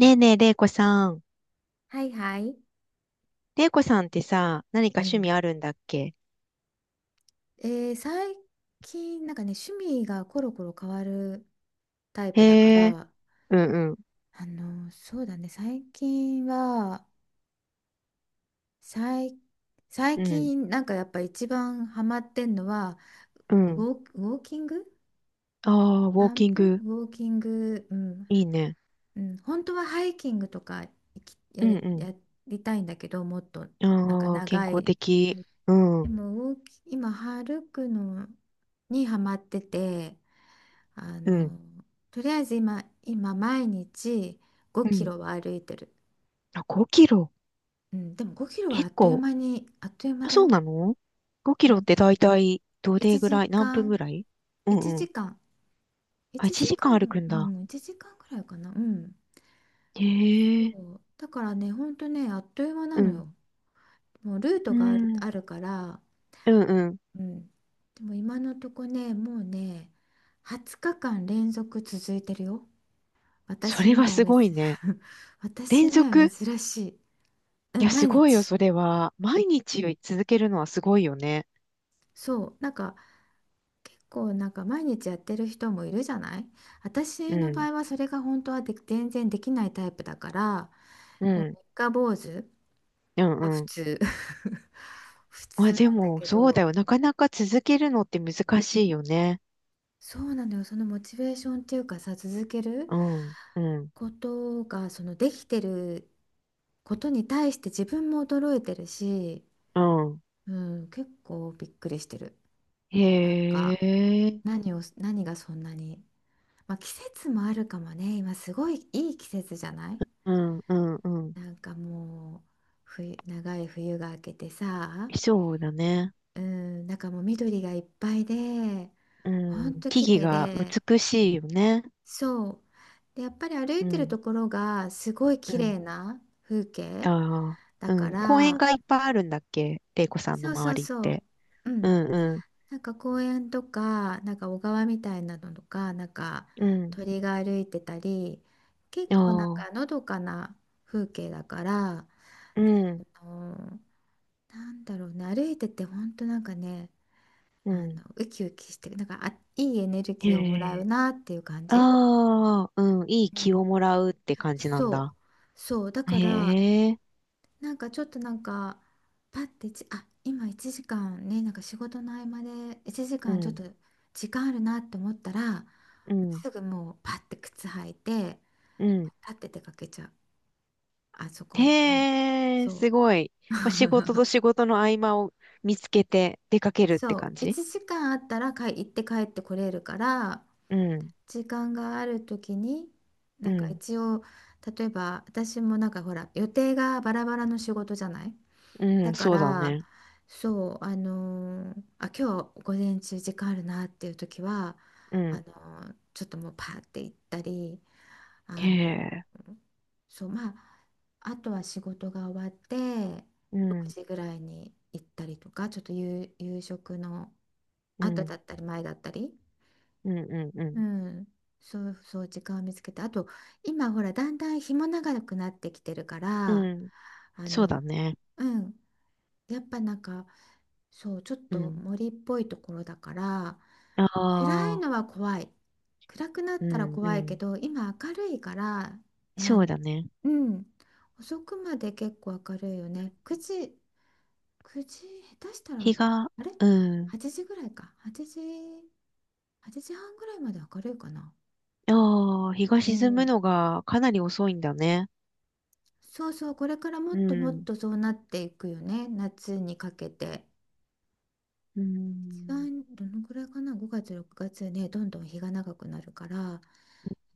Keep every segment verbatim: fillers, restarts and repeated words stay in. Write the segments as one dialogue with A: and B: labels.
A: ねえねえ、れいこさん。
B: はいはい。
A: れいこさんってさ、何か
B: う
A: 趣味
B: ん。
A: あるんだっけ？
B: えー最近なんかね、趣味がコロコロ変わるタイ
A: へ
B: プだか
A: え、
B: ら。
A: うんうん、
B: あのそうだね、最近は最、最
A: うん、
B: 近なんかやっぱ一番ハマってんのは
A: う
B: ウ
A: ん。
B: ォー、ウォーキング、
A: ああ、ウォー
B: 散
A: キン
B: 歩
A: グ、
B: ウォーキング、うん、
A: いいね。
B: うん、本当はハイキングとか行きや
A: うん
B: り、
A: う
B: やりたいんだけど、もっと
A: ん。
B: なんか
A: ああ、健
B: 長
A: 康
B: い。
A: 的。うん、う
B: で
A: ん、
B: もウォーキ今歩くのにハマってて。あのとりあえず今、今毎日5
A: う
B: キ
A: ん。
B: ロは歩いてる。
A: あ、ごキロ。
B: うん、でもごキロはあっ
A: 結
B: という
A: 構。
B: 間にあっという間
A: あ、
B: だ
A: そう
B: よ。
A: なの？ ご キ
B: う
A: ロっ
B: ん、
A: てだいたいどれ
B: 1
A: ぐ
B: 時
A: らい、何分
B: 間
A: ぐらい？う
B: 1
A: んうん。
B: 時間
A: あ、
B: 1
A: 1
B: 時
A: 時
B: 間
A: 間歩くん
B: う
A: だ。
B: ん、いちじかんくらいかな。うん、
A: へ
B: そ
A: え、
B: うだからね、ほんとね、あっという間な
A: う
B: の
A: ん、
B: よ。もうルー
A: う
B: トがあ
A: ん、
B: あるから。
A: うんうん。
B: うん、でも今のとこね、もうねにじゅうにちかん連続続いてるよ。
A: そ
B: 私
A: れは
B: には
A: す
B: 珍
A: ごいね。
B: 私
A: 連
B: には
A: 続、
B: 珍しい。う
A: い
B: ん、
A: や、す
B: 毎
A: ごいよ、
B: 日。
A: それは。毎日続けるのはすごいよね。
B: そう。なんか、結構なんか毎日やってる人もいるじゃない？私
A: う
B: の場
A: ん、
B: 合はそれが本当はで全然できないタイプだから、
A: う
B: もう
A: ん、
B: 三日坊主
A: う
B: が
A: ん、
B: 普
A: うん。
B: 通 普
A: ま
B: 通
A: あで
B: なんだ
A: も、
B: け
A: そうだ
B: ど、
A: よ。なかなか続けるのって難しいよね。
B: そうなのよ。そのモチベーションっていうかさ、続ける
A: うん、うん、
B: ことが、そのできてることに対して自分も驚いてるし、
A: うん。
B: うん、結構びっくりしてる。なん
A: へ
B: か、
A: え、
B: 何を、何がそんなに。まあ、季節もあるかもね。今すごいいい季節じゃない？
A: うん、うん、うん。
B: なんかもう冬、長い冬が明けてさ、
A: そうだね。
B: うん、なんかもう緑がいっぱいで、
A: う
B: ほん
A: ん、
B: と綺
A: 木
B: 麗
A: 々が
B: で、
A: 美しいよね。
B: そう。で、やっぱり歩
A: う
B: いてる
A: ん、
B: ところがすごい綺
A: うん。
B: 麗な風景
A: ああ、
B: だ
A: う
B: か
A: ん。公園
B: ら、
A: がいっぱいあるんだっけ、玲子さんの
B: そうそ
A: 周
B: う
A: りっ
B: そう。
A: て。
B: う
A: う
B: ん、
A: ん、うん、
B: なんか公園とか、なんか小川みたいなのとか、なんか
A: うん。
B: 鳥が歩いてたり、結
A: あ
B: 構なん
A: あ、
B: かのどかな風景だから、
A: うん、
B: その、なんだろうね、歩いてて本当なんかね、
A: う
B: あの、
A: ん。
B: ウキウキして、なんかあ、いいエネル
A: へ
B: ギーをもらう
A: え。
B: なっていう感じ。
A: ああ、うん、いい
B: う
A: 気を
B: ん。
A: もらうって感じなん
B: そう
A: だ。
B: そう、だから
A: へえ、
B: なんかちょっとなんかパッてちあ今いちじかんね、なんか仕事の合間で1
A: う
B: 時間ちょっ
A: ん、
B: と時間あるなって思ったら、
A: うん、
B: すぐもうパッて靴履いて、
A: うん。
B: 立って出かけちゃう、あそこに、あの
A: へえ、
B: そう
A: すごい。まあ、仕事と 仕事の合間を見つけて出かけるって
B: そう、
A: 感じ？
B: いちじかんあったらかい行って帰ってこれるから、
A: うん、
B: 時間がある時に
A: う
B: なんか
A: ん、
B: 一応、例えば私もなんかほら予定がバラバラの仕事じゃない。
A: う
B: だ
A: ん、
B: か
A: そうだ
B: ら、
A: ね。
B: そう、あのーあ、今日午前中時間あるなっていう時は、
A: う
B: あの
A: ん、
B: ーちょっともうパーって行ったり、あ
A: へ
B: の
A: え、
B: そう、まあ、あとは仕事が終わって、
A: う
B: 6
A: ん、
B: 時ぐらいに行ったりとか、ちょっと夕、夕食の
A: う
B: 後だ
A: ん、
B: ったり前だったり、
A: うん、うん、う
B: う
A: ん、
B: ん、そうそう、時間を見つけて、あと、今ほら、だんだん日も長くなってきてるか
A: う
B: ら、
A: ん、
B: あ
A: そうだ
B: の、
A: ね。
B: うん、やっぱなんか、そう、ちょっ
A: う
B: と
A: ん、
B: 森っぽいところだから、
A: あ
B: 暗い
A: あ、
B: のは怖い。暗くな
A: う
B: ったら
A: ん、う
B: 怖いけ
A: ん、
B: ど、今明るいから、な
A: そう
B: ん、
A: だね。
B: うん、遅くまで結構明るいよね。くじ、くじ、下手した
A: 日
B: ら、
A: が、
B: あれ？
A: うん、
B: はち 時ぐらいか。はちじ、はちじはんぐらいまで明るいかな。
A: ああ、日が
B: う
A: 沈む
B: ん。
A: のがかなり遅いんだね。
B: そうそう、これからもっ
A: う
B: ともっ
A: ん、
B: とそうなっていくよね。夏にかけて。
A: う
B: 一
A: ん、
B: 番どのくらいかな、ごがつ、ろくがつね、どんどん日が長くなるから、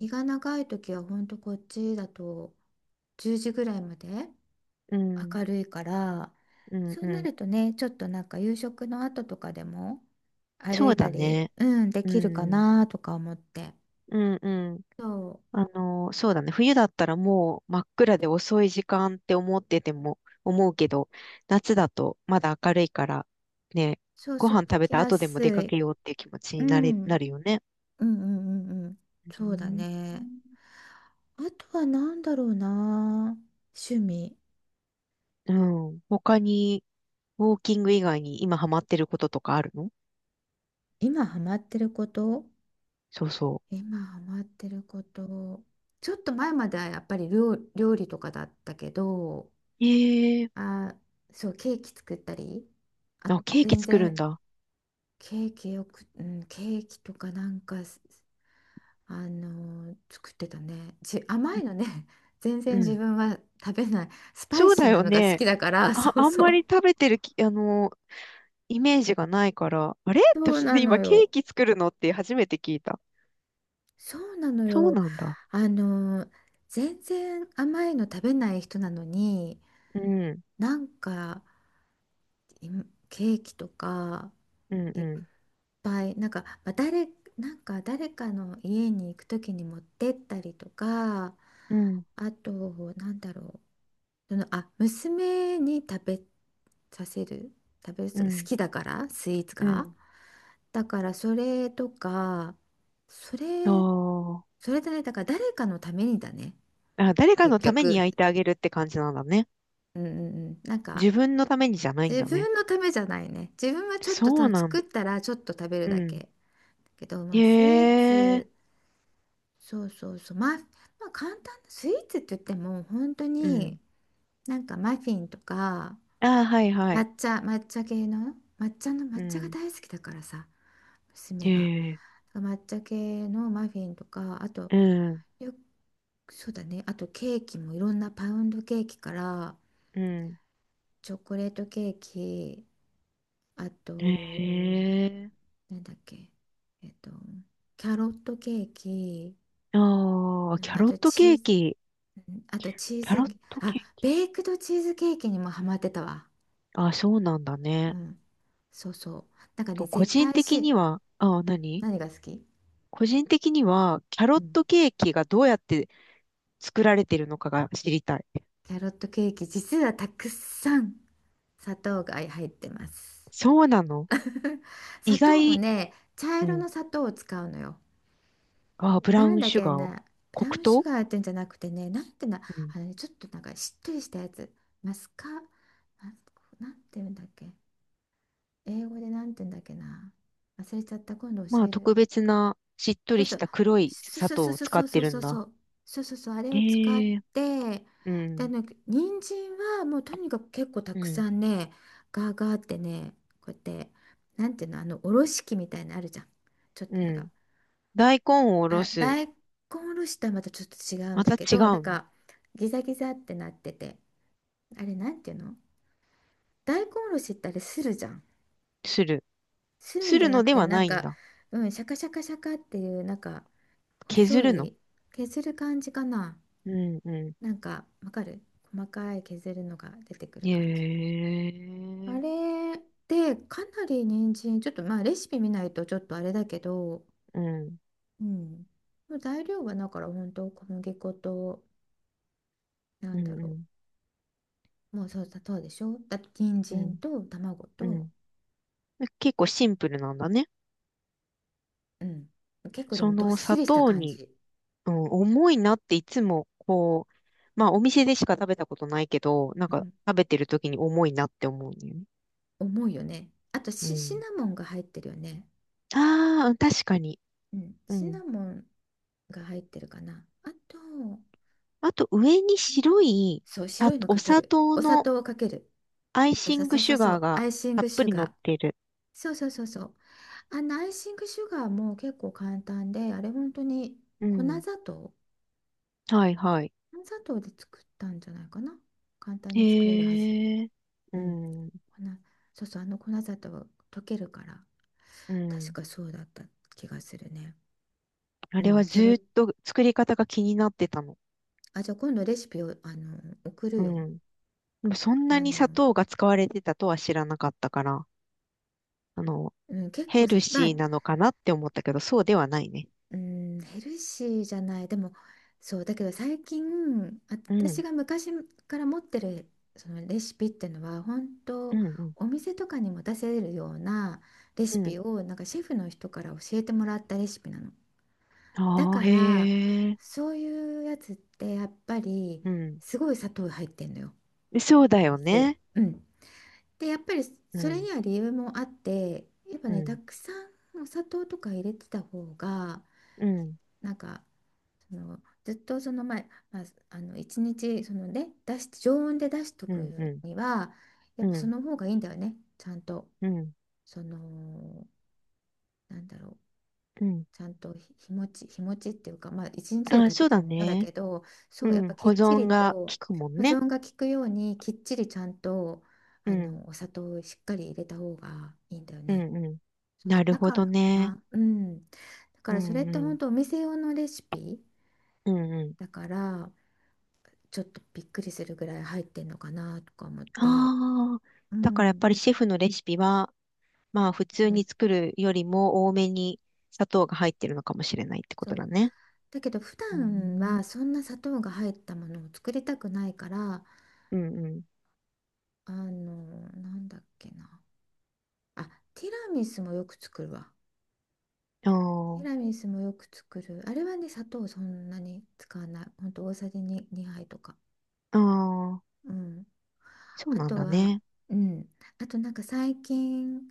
B: 日が長い時はほんとこっちだとじゅうじぐらいまで
A: うん、
B: 明るいから、
A: うん、
B: そう
A: う
B: な
A: ん。
B: るとね、ちょっとなんか夕食の後とかでも歩
A: そ
B: い
A: うだ
B: たり、
A: ね。
B: うん、で
A: う
B: きるか
A: ん、
B: なとか思って、
A: うん、うん。
B: そう
A: あの、そうだね。冬だったらもう真っ暗で遅い時間って思ってても、思うけど、夏だとまだ明るいから、ね、
B: そう
A: ご
B: そ
A: 飯
B: う、歩
A: 食べ
B: き
A: た
B: や
A: 後でも
B: す
A: 出かけ
B: い。
A: ようっていう気持ち
B: う
A: になれ、
B: ん、う
A: な
B: ん
A: るよね。
B: うんうんうん、
A: う
B: そうだ
A: ん
B: ね、あとは何だろうな、趣味。
A: うん。他に、ウォーキング以外に今ハマってることとかあるの？
B: 今ハマってること。
A: そうそ
B: 今ハマってること。ちょっと前まではやっぱり料、料理とかだったけど、
A: う。ええ、
B: あ、そう、ケーキ作ったり、あ、
A: あ、ケーキ
B: 全
A: 作るん
B: 然
A: だ。
B: ケーキよく、うん、ケーキとかなんかす、あのー作ってたね。じ、甘いのね、全
A: う
B: 然自
A: ん。
B: 分は食べない。スパイ
A: そう
B: シ
A: だ
B: ーな
A: よ
B: のが好き
A: ね。
B: だから、
A: あ、
B: そう
A: あん
B: そ
A: ま
B: う。
A: り食べてるき、あの、イメージがないから、あれ
B: そ
A: って
B: うな
A: 思
B: の
A: 今ケ
B: よ。
A: ーキ作るのって初めて聞いた。
B: そうなの
A: そう
B: よ。
A: なんだ。
B: あのー全然甘いの食べない人なのに、
A: うん、
B: なんかいケーキとか、
A: うん、
B: い
A: う
B: っ
A: ん、
B: ぱいなんか、まあ誰、なんか誰かの家に行く時に持ってったりとか、
A: うん、
B: あと、なんだろう、その、あ、娘に食べさせる、食べる
A: う
B: 人が好
A: ん、
B: きだからスイーツ
A: う
B: が、
A: ん。
B: だからそれとか、そ
A: あ
B: れ、
A: ー、
B: それだね、だから誰かのためにだね、
A: あ、誰か
B: 結
A: のために
B: 局、
A: 焼いてあげるって感じなんだね。
B: うんうんうん、なんか
A: 自分のためにじゃないん
B: 自
A: だね。
B: 分のためじゃないね。自分はちょっと
A: そう
B: た
A: なん、
B: 作ったらちょっと食べる
A: う
B: だけ。
A: ん。
B: だけど、まあスイ
A: へ
B: ー
A: え、
B: ツ、そうそうそう、まあ、まあ簡単なスイーツって言っても本当
A: うん。
B: になんかマフィンとか、
A: ああ、はいはい。
B: 抹茶、抹茶系の抹茶の
A: う
B: 抹茶が
A: ん。
B: 大好きだからさ、娘
A: へ
B: が。
A: え、
B: 抹茶系のマフィンとか、あと、
A: うん、
B: よ、そうだね、あとケーキもいろんなパウンドケーキから、
A: うん。
B: チョコレートケーキ、あと
A: へえ。
B: なんだっけ、えっと、キャロットケーキ、
A: ああ、
B: う
A: キ
B: ん、
A: ャ
B: あ
A: ロッ
B: と
A: ト
B: チ
A: ケ
B: ー
A: ー
B: ズ、
A: キ。
B: うん、あとチー
A: キャロ
B: ズ、
A: ット
B: あ、
A: ケーキ、
B: ベイクドチーズケーキにもハマってたわ。
A: あ、そうなんだ
B: う
A: ね。
B: ん。そうそう。なんかね、
A: 個
B: 絶
A: 人
B: 対
A: 的
B: し、
A: には、あ、何
B: 何が好き？
A: 個人的には、キャロ
B: う
A: ッ
B: ん。
A: トケーキがどうやって作られてるのかが知りたい。
B: キャロットケーキ、実はたくさん砂糖が入ってます。
A: そうなの？ 意
B: 砂糖も
A: 外、
B: ね、茶
A: う
B: 色
A: ん。
B: の砂糖を使うのよ。
A: あ、ブ
B: な
A: ラウ
B: ん
A: ン
B: だっ
A: シュ
B: け
A: ガーを。
B: な、ブ
A: 黒
B: ラウンシュ
A: 糖、
B: ガーってんじゃなくてね、なんてな、
A: うん。
B: あのね、ちょっとなんかしっとりしたやつ、マスカ、マスなんて言うんだっけ、英語でなんて言うんだっけな、忘れちゃった、今度教
A: まあ、
B: える。
A: 特別な、しっと
B: そ
A: り
B: う
A: し
B: そう、
A: た黒い
B: そ
A: 砂
B: うそ
A: 糖
B: う
A: を使
B: そ
A: っ
B: うそ
A: て
B: う
A: る
B: そうそ
A: ん
B: うそ
A: だ。
B: う、そうそうそう、あれを使っ
A: へえ、
B: て、
A: う
B: で、あ
A: ん、
B: の人参はもうとにかく結構た
A: う
B: く
A: ん、
B: さんね、ガーガーってね、こうやって、なんていうの、あの、おろし器みたいなのあるじゃん。ちょっ
A: う
B: となんか、
A: ん。大根をおろ
B: あ、
A: す。
B: 大根おろしとはまたちょっと違うん
A: ま
B: だ
A: た
B: け
A: 違
B: ど、なん
A: うん、
B: かギザギザってなってて、あれなんていうの、大根おろしってあれするじゃん。
A: する。
B: するん
A: す
B: じゃ
A: る
B: な
A: の
B: く
A: で
B: て、
A: は
B: な
A: な
B: ん
A: いん
B: か、
A: だ。
B: うん、シャカシャカシャカっていう、なんか
A: 削
B: 細
A: るの、
B: い、削る感じかな。
A: うん、う
B: なんか、わかる？細かい削るのが出てくる
A: ん。
B: 感じ、
A: へ
B: あ
A: え。
B: れで、かなり人参、ちょっとまあレシピ見ないとちょっとあれだけど、
A: うん、
B: うん。もう材料はだから本当小麦粉と、な
A: う
B: ん
A: ん、
B: だ
A: う
B: ろう。
A: ん、
B: もうそう、砂糖でしょ、だって人
A: う
B: 参
A: ん、
B: と卵
A: う
B: と、
A: ん。結構シンプルなんだね。
B: うん。結構で
A: そ
B: もどっ
A: の
B: し
A: 砂
B: りした
A: 糖
B: 感
A: に、
B: じ。
A: うん、重いなっていつもこう、まあお店でしか食べたことないけど、なん
B: う
A: か
B: ん。
A: 食べてる時に重いなって思うんだよね。
B: 重いよね。あと
A: う
B: シ、シ
A: ん。
B: ナモンが入ってるよね。
A: ああ、確かに。
B: うん。
A: う
B: シ
A: ん。
B: ナモンが入ってるかな。あと、う
A: あと上に
B: ん、
A: 白い、
B: そう、
A: さ、
B: 白いの
A: お
B: かけ
A: 砂
B: る。
A: 糖
B: お砂
A: の
B: 糖をかける。
A: アイシ
B: そう
A: ング
B: そうそ
A: シ
B: う
A: ュ
B: そ
A: ガー
B: う、
A: が
B: アイシン
A: たっ
B: グ
A: ぷ
B: シュ
A: り乗
B: ガ
A: っ
B: ー。
A: てる。
B: そうそうそうそう。あのアイシングシュガーも結構簡単で、あれ本当に
A: う
B: 粉
A: ん。
B: 砂糖。
A: はいはい。
B: 粉砂糖で作ったんじゃないかな。簡単に作れるはず。
A: へえ。う
B: うん、粉、
A: ん。
B: そうそう、あの粉砂糖溶けるから、
A: う
B: 確
A: ん。
B: かそうだった気がするね。
A: あ
B: う
A: れ
B: ん、
A: は
B: キ
A: ず
B: ャロ、
A: ーっと作り方が気になってたの。
B: あ、じゃあ今度レシピを、あの、送る
A: う
B: よ。
A: ん。でもそんな
B: あ
A: に砂
B: の、
A: 糖が使われてたとは知らなかったから、あの、
B: うん、結構
A: ヘ
B: さ、
A: ル
B: まあ、
A: シーなのかなって思ったけど、そうではないね。
B: うん、ヘルシーじゃない、でも、そう、だけど最近、あ、
A: う
B: 私
A: ん、
B: が昔から持ってるそのレシピっていうのは、本
A: う
B: 当
A: ん、うん、
B: お店とかにも出せるようなレシ
A: うん。
B: ピを、なんかシェフの人から教えてもらったレシピなの。だ
A: あ
B: か
A: あ、
B: ら、
A: へえ。
B: そういうやつってやっぱり
A: うん。
B: すごい砂糖入ってんのよ。
A: で、そう
B: お
A: だよ
B: 店、
A: ね。
B: うん、でやっぱり、
A: う
B: それ
A: ん、
B: には理由もあって、やっぱ
A: う
B: ね、た
A: ん、
B: くさんお砂糖とか入れてた方が、
A: うん、
B: なんか、そのずっとその前、まあ、あの一日、そのね、出し常温で出しと
A: う
B: く
A: ん、うん、
B: には、や
A: う
B: っぱそ
A: ん、
B: の方がいいんだよね、ちゃんと、
A: うん、
B: その、なんだろう、
A: うん。
B: ちゃんと日日持ち、日持ちっていうか、まあ、一日で
A: ああ、
B: 食べ
A: そう
B: ちゃ
A: だ
B: うものだ
A: ね。
B: けど、そ
A: う
B: う、やっ
A: ん、
B: ぱき
A: 保
B: っち
A: 存
B: り
A: が効
B: と、
A: くもん
B: 保
A: ね。
B: 存が効くように、きっちりちゃんと、
A: う
B: あ
A: ん、
B: のお砂糖をしっかり入れた方がいいんだよ
A: う
B: ね。
A: ん、うん。
B: そう
A: な
B: そう、
A: る
B: だ
A: ほ
B: から
A: ど
B: か
A: ね。
B: な。うん。だか
A: う
B: らそれっ
A: ん、う
B: て
A: ん、
B: 本当お店用のレシピ
A: うん、うん。
B: だから、ちょっとびっくりするぐらい入ってんのかなとか思って。
A: ああ、
B: う
A: だからやっぱ
B: ん。
A: りシェフのレシピは、まあ普
B: う
A: 通に
B: ん、
A: 作るよりも多めに砂糖が入ってるのかもしれないってこ
B: そ
A: とだ
B: う。
A: ね。
B: だけど普
A: うー
B: 段
A: ん、
B: はそんな砂糖が入ったものを作りたくないから、
A: うんうん。
B: あの、なんだっけな。あ、ティラミスもよく作るわ。
A: あ
B: ティラミスもよく作る。あれはね、砂糖そんなに使わない。ほんと大さじ2、にはいとか。
A: あ、ああ、
B: うん。
A: そう
B: あ
A: なん
B: と
A: だ
B: は、
A: ね。
B: うん。あとなんか最近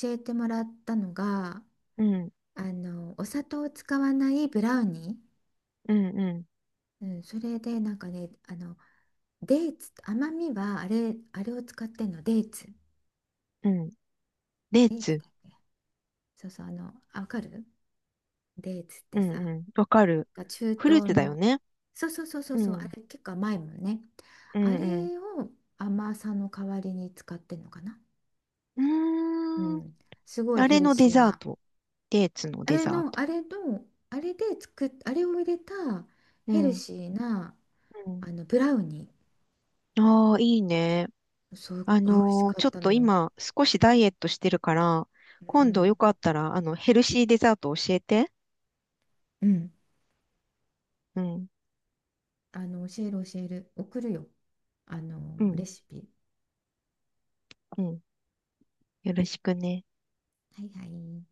B: 教えてもらったのが、
A: うん、
B: あの、お砂糖を使わないブラウニー。
A: うん、う
B: うん、それでなんかね、あの、デーツ、甘みはあれ、あれを使ってんの、デーツ。
A: ん、うん。デー
B: デーツ
A: ツ。
B: だっけ？そうそう、あの、あ、わかる？デーツっ
A: う
B: て
A: ん
B: さ、
A: うん。わかる。
B: が中東
A: フルーツだよ
B: の、
A: ね。
B: そうそうそうそう
A: う
B: そう、あ
A: ん、
B: れ結構甘いもんね。
A: う
B: あ
A: ん、うん。
B: れを甘さの代わりに使ってんのかな。
A: う
B: う
A: ーん。
B: ん、すごい
A: あ
B: ヘ
A: れ
B: ル
A: のデ
B: シー
A: ザー
B: な、
A: ト。デーツの
B: あ
A: デ
B: れ
A: ザー
B: の、
A: ト。
B: あれの、あれで作っ、あれを入れた
A: う
B: ヘル
A: ん、
B: シーな
A: うん。
B: あのブラウニ
A: ああ、いいね。
B: ー、すっ
A: あ
B: ごい美味し
A: のー、
B: か
A: ちょ
B: っ
A: っ
B: たの
A: と
B: よ。
A: 今少しダイエットしてるから、
B: う
A: 今度
B: ん
A: よかったら、あの、ヘルシーデザート教えて。
B: うん、うん、
A: うん、
B: あの、教える教える、送るよ、あの
A: うん、
B: レシピ。
A: うん。よろしくね。
B: はいはい。